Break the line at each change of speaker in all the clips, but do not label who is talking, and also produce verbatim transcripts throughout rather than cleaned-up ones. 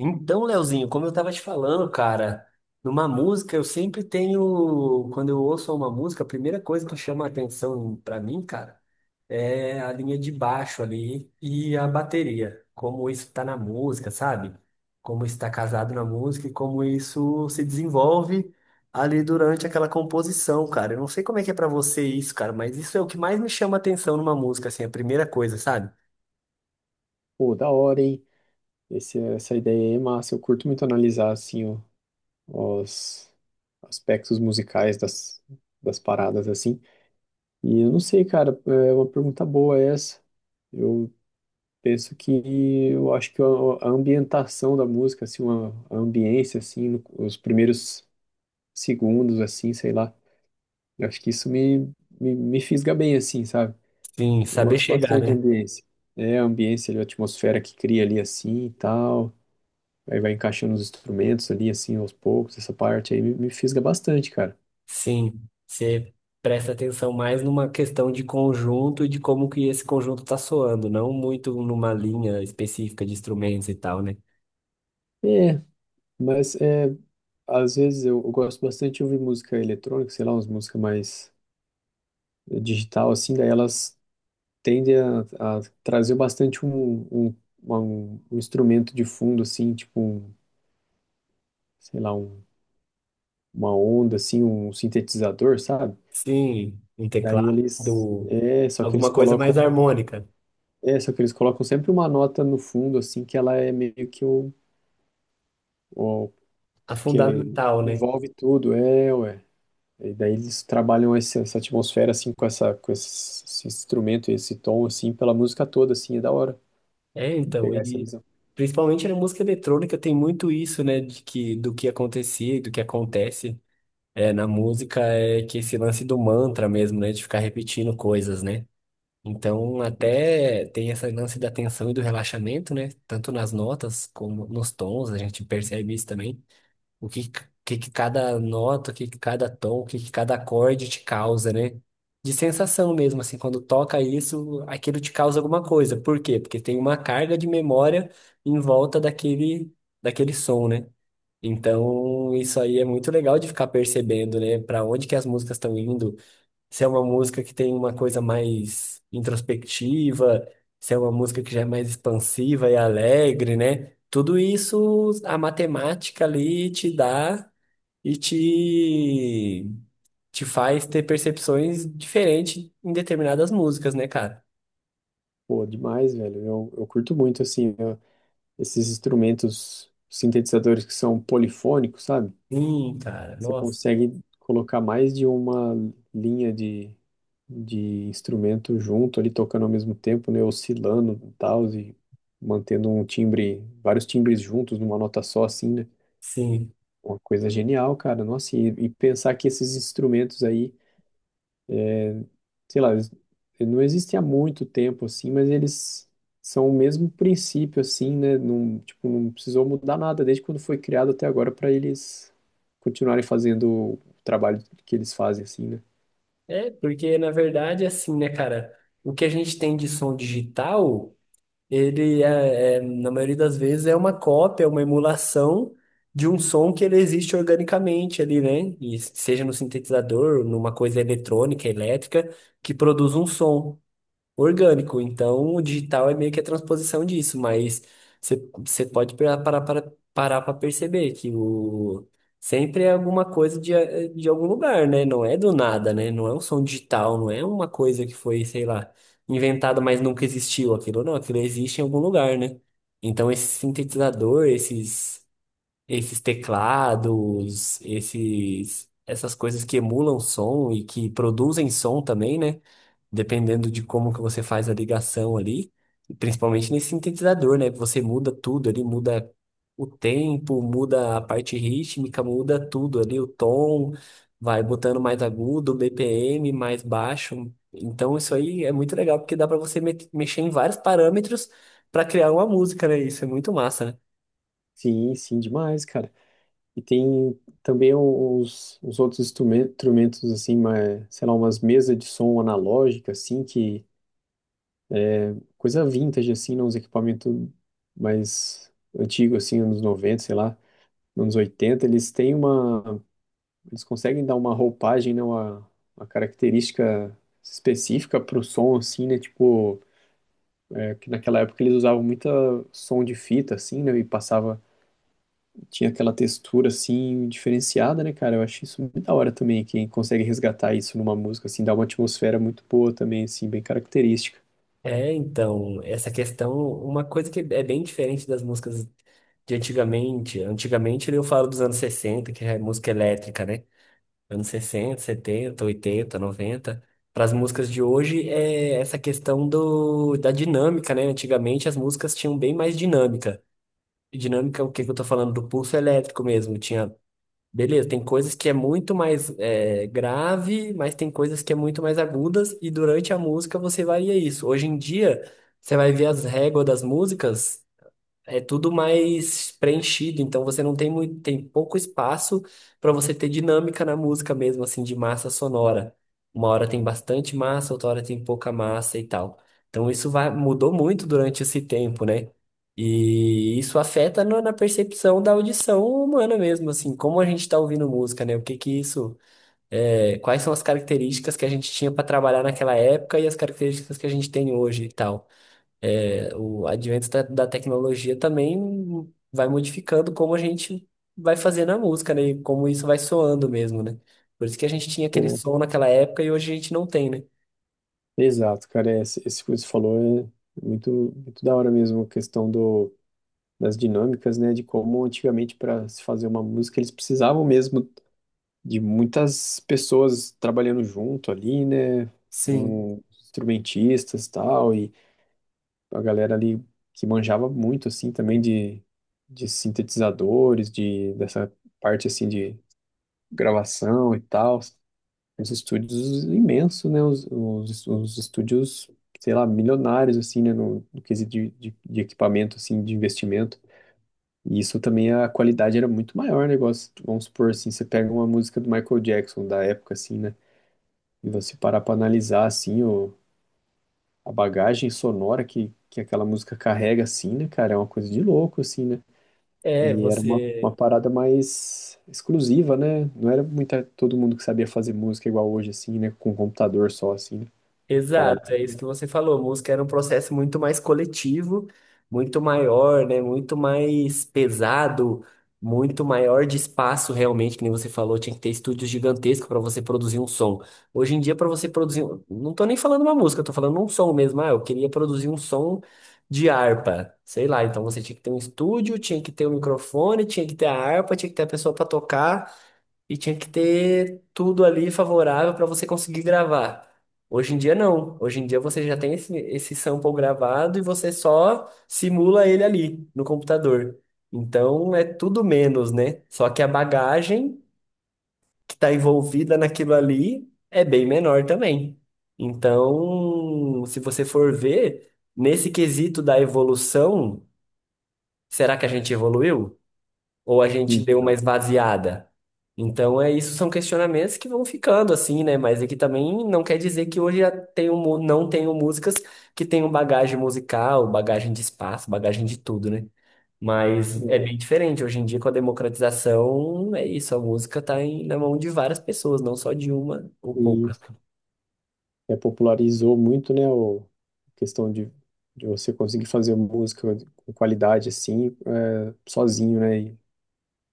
Então, Leozinho, como eu tava te falando, cara, numa música eu sempre tenho, quando eu ouço uma música, a primeira coisa que chama a atenção pra mim, cara, é a linha de baixo ali e a bateria, como isso tá na música, sabe? Como isso tá casado na música e como isso se desenvolve ali durante aquela composição, cara. Eu não sei como é que é pra você isso, cara, mas isso é o que mais me chama a atenção numa música, assim, a primeira coisa, sabe?
Pô, da hora, hein? Esse- essa ideia aí é massa. Eu curto muito analisar, assim, o- os aspectos musicais das, das paradas, assim. E eu não sei, cara, é uma pergunta boa essa. Eu penso que, eu acho que a, a ambientação da música, assim, uma, a ambiência, assim, no- os primeiros segundos, assim, sei lá. Eu acho que isso me, me, me fisga bem, assim, sabe?
Sim,
Eu
saber
gosto
chegar,
bastante de
né?
ambiência. É a ambiência, ali, a atmosfera que cria ali, assim, e tal. Aí vai encaixando os instrumentos ali, assim, aos poucos. Essa parte aí me, me fisga bastante, cara.
Sim, você presta atenção mais numa questão de conjunto e de como que esse conjunto tá soando, não muito numa linha específica de instrumentos e tal, né?
É, mas é, às vezes eu, eu gosto bastante de ouvir música eletrônica, sei lá, umas músicas mais eh, digital, assim, daí elas tendem a, a trazer bastante um, um, uma- um, um instrumento de fundo, assim, tipo, um, sei lá, um, uma onda, assim, um sintetizador, sabe?
Sim, um
Daí eles,
teclado,
é, só que eles
alguma coisa mais
colocam,
harmônica,
é, só que eles colocam sempre uma nota no fundo, assim, que ela é meio que o,
a
que
fundamental, né?
envolve tudo, é, ué. E daí eles trabalham esse- essa atmosfera, assim, com essa, com esse, esse instrumento, esse tom, assim, pela música toda, assim, é da hora
É, então,
pegar essa
e
visão.
principalmente na música eletrônica tem muito isso, né, de que do que acontecia e do que acontece é, na música é que esse lance do mantra mesmo, né, de ficar repetindo coisas, né? Então, até tem esse lance da tensão e do relaxamento, né? Tanto nas notas como nos tons, a gente percebe isso também. O que, que, que cada nota, o que, que cada tom, o que, que cada acorde te causa, né? De sensação mesmo, assim, quando toca isso, aquilo te causa alguma coisa. Por quê? Porque tem uma carga de memória em volta daquele, daquele som, né? Então, isso aí é muito legal de ficar percebendo, né? Para onde que as músicas estão indo, se é uma música que tem uma coisa mais introspectiva, se é uma música que já é mais expansiva e alegre, né? Tudo isso a matemática ali te dá e te, te faz ter percepções diferentes em determinadas músicas, né, cara?
Pô, demais, velho. Eu, eu curto muito, assim, eu- esses instrumentos sintetizadores que são polifônicos, sabe?
Sim, cara,
Você
nossa,
consegue colocar mais de uma linha de, de instrumento junto ali, tocando ao mesmo tempo, né? Oscilando e tal, e mantendo um timbre, vários timbres juntos numa nota só, assim, né?
sim.
Uma coisa genial, cara. Nossa, e, e pensar que esses instrumentos aí, sei lá, eles não existem há muito tempo, assim, mas eles são o mesmo princípio, assim, né? Não, tipo, não precisou mudar nada desde quando foi criado até agora para eles continuarem fazendo o trabalho que eles fazem, assim, né?
É, porque na verdade, assim, né, cara, o que a gente tem de som digital. Ele é, é, na maioria das vezes, é uma cópia, uma emulação de um som que ele existe organicamente ali, né? E seja no sintetizador, numa coisa eletrônica, elétrica, que produz um som orgânico. Então, o digital é meio que a transposição disso, mas você você pode parar para para- parar para perceber que o sempre é alguma coisa de, a- de algum lugar, né? Não é do nada, né? Não é um som digital, não é uma coisa que foi, sei lá, inventada, mas nunca existiu aquilo, não, aquilo existe em algum lugar, né? Então, esse sintetizador, esses esses teclados, esses essas coisas que emulam som e que produzem som também, né? Dependendo de como que você faz a ligação ali, e principalmente nesse sintetizador, né? Você muda tudo ali, muda o tempo, muda a parte rítmica, muda tudo ali, o tom, vai botando mais agudo, B P M mais baixo. Então isso aí é muito legal porque dá para você me- mexer em vários parâmetros para criar uma música, né? Isso é muito massa, né?
Sim, sim, demais, cara. E tem também os, os outros instrumen- instrumentos, assim, mas, sei lá, umas mesas de som analógica, assim, que coisa vintage, assim, não, uns equipamentos mais antigos, assim, anos noventa, sei lá, anos oitenta, eles têm uma, eles conseguem dar uma roupagem, né, uma, uma característica específica pro som, assim, né, tipo, é, que naquela época eles usavam muita som de fita, assim, né, e passava, tinha aquela textura, assim, diferenciada, né, cara, eu acho isso muito da hora também, quem consegue resgatar isso numa música, assim, dá uma atmosfera muito boa também, assim, bem característica.
É, então, essa questão, uma coisa que é bem diferente das músicas de antigamente. Antigamente eu falo dos anos sessenta, que é música elétrica, né? Anos sessenta, setenta, oitenta, noventa, para as músicas de hoje é essa questão do, da dinâmica, né? Antigamente as músicas tinham bem mais dinâmica. E dinâmica, o que que eu tô falando? Do pulso elétrico mesmo. Tinha, beleza, tem coisas que é muito mais é, grave, mas tem coisas que é muito mais agudas, e durante a música você varia isso. Hoje em dia, você vai ver as réguas das músicas. É tudo mais preenchido, então você não tem muito, tem pouco espaço para você ter dinâmica na música mesmo, assim, de massa sonora. Uma hora tem bastante massa, outra hora tem pouca massa e tal. Então isso vai, mudou muito durante esse tempo, né? E isso afeta no- na percepção da audição humana mesmo, assim, como a gente está ouvindo música, né? O que que isso, é, quais são as características que a gente tinha para trabalhar naquela época e as características que a gente tem hoje e tal. É, o advento da, da tecnologia também vai modificando como a gente vai fazendo a música, né? E como isso vai soando mesmo, né? Por isso que a gente tinha aquele som naquela época e hoje a gente não tem, né?
Exato, cara, é, esse esse que você falou é muito, muito da hora mesmo, a questão do, das dinâmicas, né, de como antigamente para se fazer uma música eles precisavam mesmo de muitas pessoas trabalhando junto ali, né,
Sim.
um, instrumentistas tal, e a galera ali que manjava muito, assim, também de, de sintetizadores, de, dessa parte, assim, de gravação e tal, os estúdios imensos, né? Os, os, os estúdios, sei lá, milionários, assim, né? No, no quesito de, de, de equipamento, assim, de investimento. E isso também, a qualidade era muito maior, né? Igual, se- vamos supor, assim, você pega uma música do Michael Jackson, da época, assim, né? E você parar pra analisar, assim, o, a bagagem sonora que, que aquela música carrega, assim, né, cara? É uma coisa de louco, assim, né?
É,
E era uma,
você.
uma parada mais exclusiva, né? Não era muita, todo mundo que sabia fazer música igual hoje, assim, né? Com computador só, assim, né? Parada.
Exato, é isso que você falou. Música era um processo muito mais coletivo, muito maior, né? Muito mais pesado, muito maior de espaço realmente, que nem você falou, tinha que ter estúdios gigantescos para você produzir um som. Hoje em dia, para você produzir, um- não tô nem falando uma música, eu tô falando um som mesmo. Ah, eu queria produzir um som de harpa, sei lá. Então você tinha que ter um estúdio, tinha que ter um microfone, tinha que ter a harpa, tinha que ter a pessoa para tocar. E tinha que ter tudo ali favorável para você conseguir gravar. Hoje em dia não. Hoje em dia você já tem esse, esse sample gravado e você só simula ele ali no computador. Então é tudo menos, né? Só que a bagagem que está envolvida naquilo ali é bem menor também. Então, se você for ver, nesse quesito da evolução, será que a gente evoluiu? Ou a gente deu uma
Então,
esvaziada? Então, é isso, são questionamentos que vão ficando assim, né? Mas aqui também não quer dizer que hoje já tenho, mu- não tenho músicas que tenham bagagem musical, bagagem de espaço, bagagem de tudo, né? Mas é bem
é,
diferente. Hoje em dia, com a democratização, é isso, a música está na mão de várias pessoas, não só de uma ou
e
poucas.
é, popularizou muito, né, o, a questão de, de você conseguir fazer música com qualidade assim, é, sozinho, né, e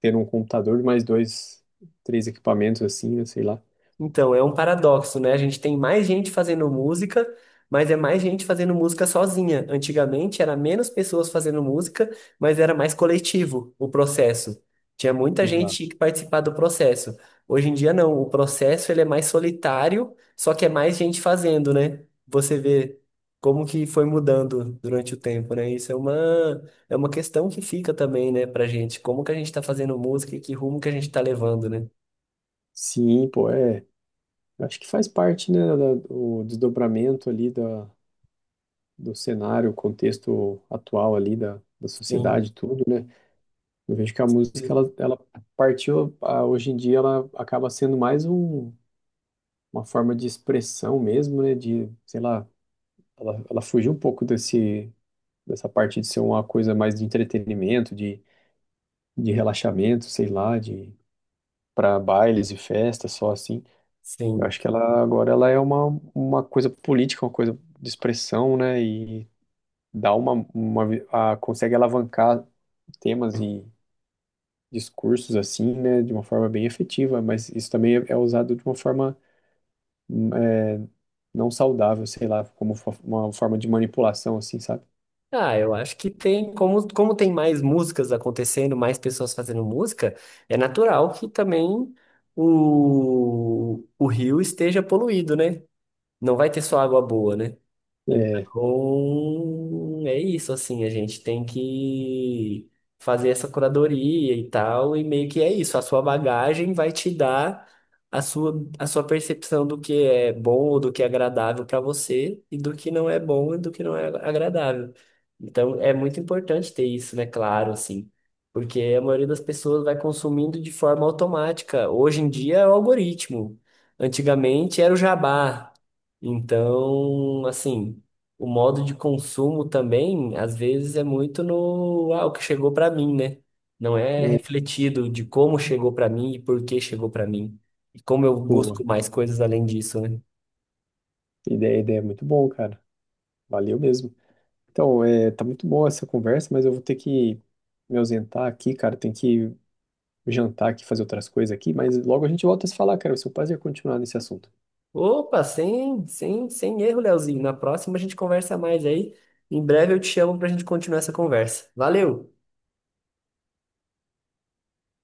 ter um computador, mais dois, três equipamentos assim, né, sei lá.
Então, é um paradoxo, né? A gente tem mais gente fazendo música, mas é mais gente fazendo música sozinha. Antigamente era menos pessoas fazendo música, mas era mais coletivo o processo. Tinha muita
Exato.
gente que participava do processo. Hoje em dia não, o processo ele é mais solitário, só que é mais gente fazendo, né? Você vê como que foi mudando durante o tempo, né? Isso é uma é uma questão que fica também, né, pra gente. Como que a gente tá fazendo música e que rumo que a gente tá levando, né?
Sim, pô, é. Eu acho que faz parte, né, da, do desdobramento ali da, do cenário, o contexto atual ali da, da
Sim,
sociedade, e tudo, né? Eu vejo que a música, ela, ela partiu, ah, hoje em dia, ela acaba sendo mais um uma forma de expressão mesmo, né? De, sei lá, ela, ela fugiu um pouco desse, dessa parte de ser uma coisa mais de entretenimento, de, de relaxamento, sei lá, de para bailes e festas, só assim. Eu
sim.
acho que ela agora ela é uma, uma coisa política, uma coisa de expressão, né? E dá uma, uma vi- a, consegue alavancar temas e discursos assim, né? De uma forma bem efetiva, mas isso também é é usado de uma forma é, não saudável, sei lá, como fo- uma forma de manipulação, assim, sabe?
Ah, eu acho que tem, como, como tem mais músicas acontecendo, mais pessoas fazendo música, é natural que também o, o rio esteja poluído, né? Não vai ter só água boa, né?
É,
Então, é isso, assim, a gente tem que fazer essa curadoria e tal, e meio que é isso, a sua bagagem vai te dar a sua, a sua percepção do que é bom ou do que é agradável para você, e do que não é bom e do que não é agradável. Então, é muito importante ter isso, né, claro, assim, porque a maioria das pessoas vai consumindo de forma automática. Hoje em dia é o algoritmo, antigamente era o jabá. Então, assim, o modo de consumo também, às vezes, é muito no, ah, o que chegou para mim, né? Não é
é,
refletido de como chegou para mim e por que chegou para mim. E como eu
boa.
busco mais coisas além disso, né?
Ideia, ideia é muito bom, cara. Valeu mesmo. Então, é, tá muito boa essa conversa, mas eu vou ter que me ausentar aqui, cara. Tem que jantar aqui, fazer outras coisas aqui, mas logo a gente volta a se falar, cara. Vai ser um prazer continuar nesse assunto.
Opa, sem, sem, sem erro, Leozinho. Na próxima a gente conversa mais aí. Em breve eu te chamo para a gente continuar essa conversa. Valeu!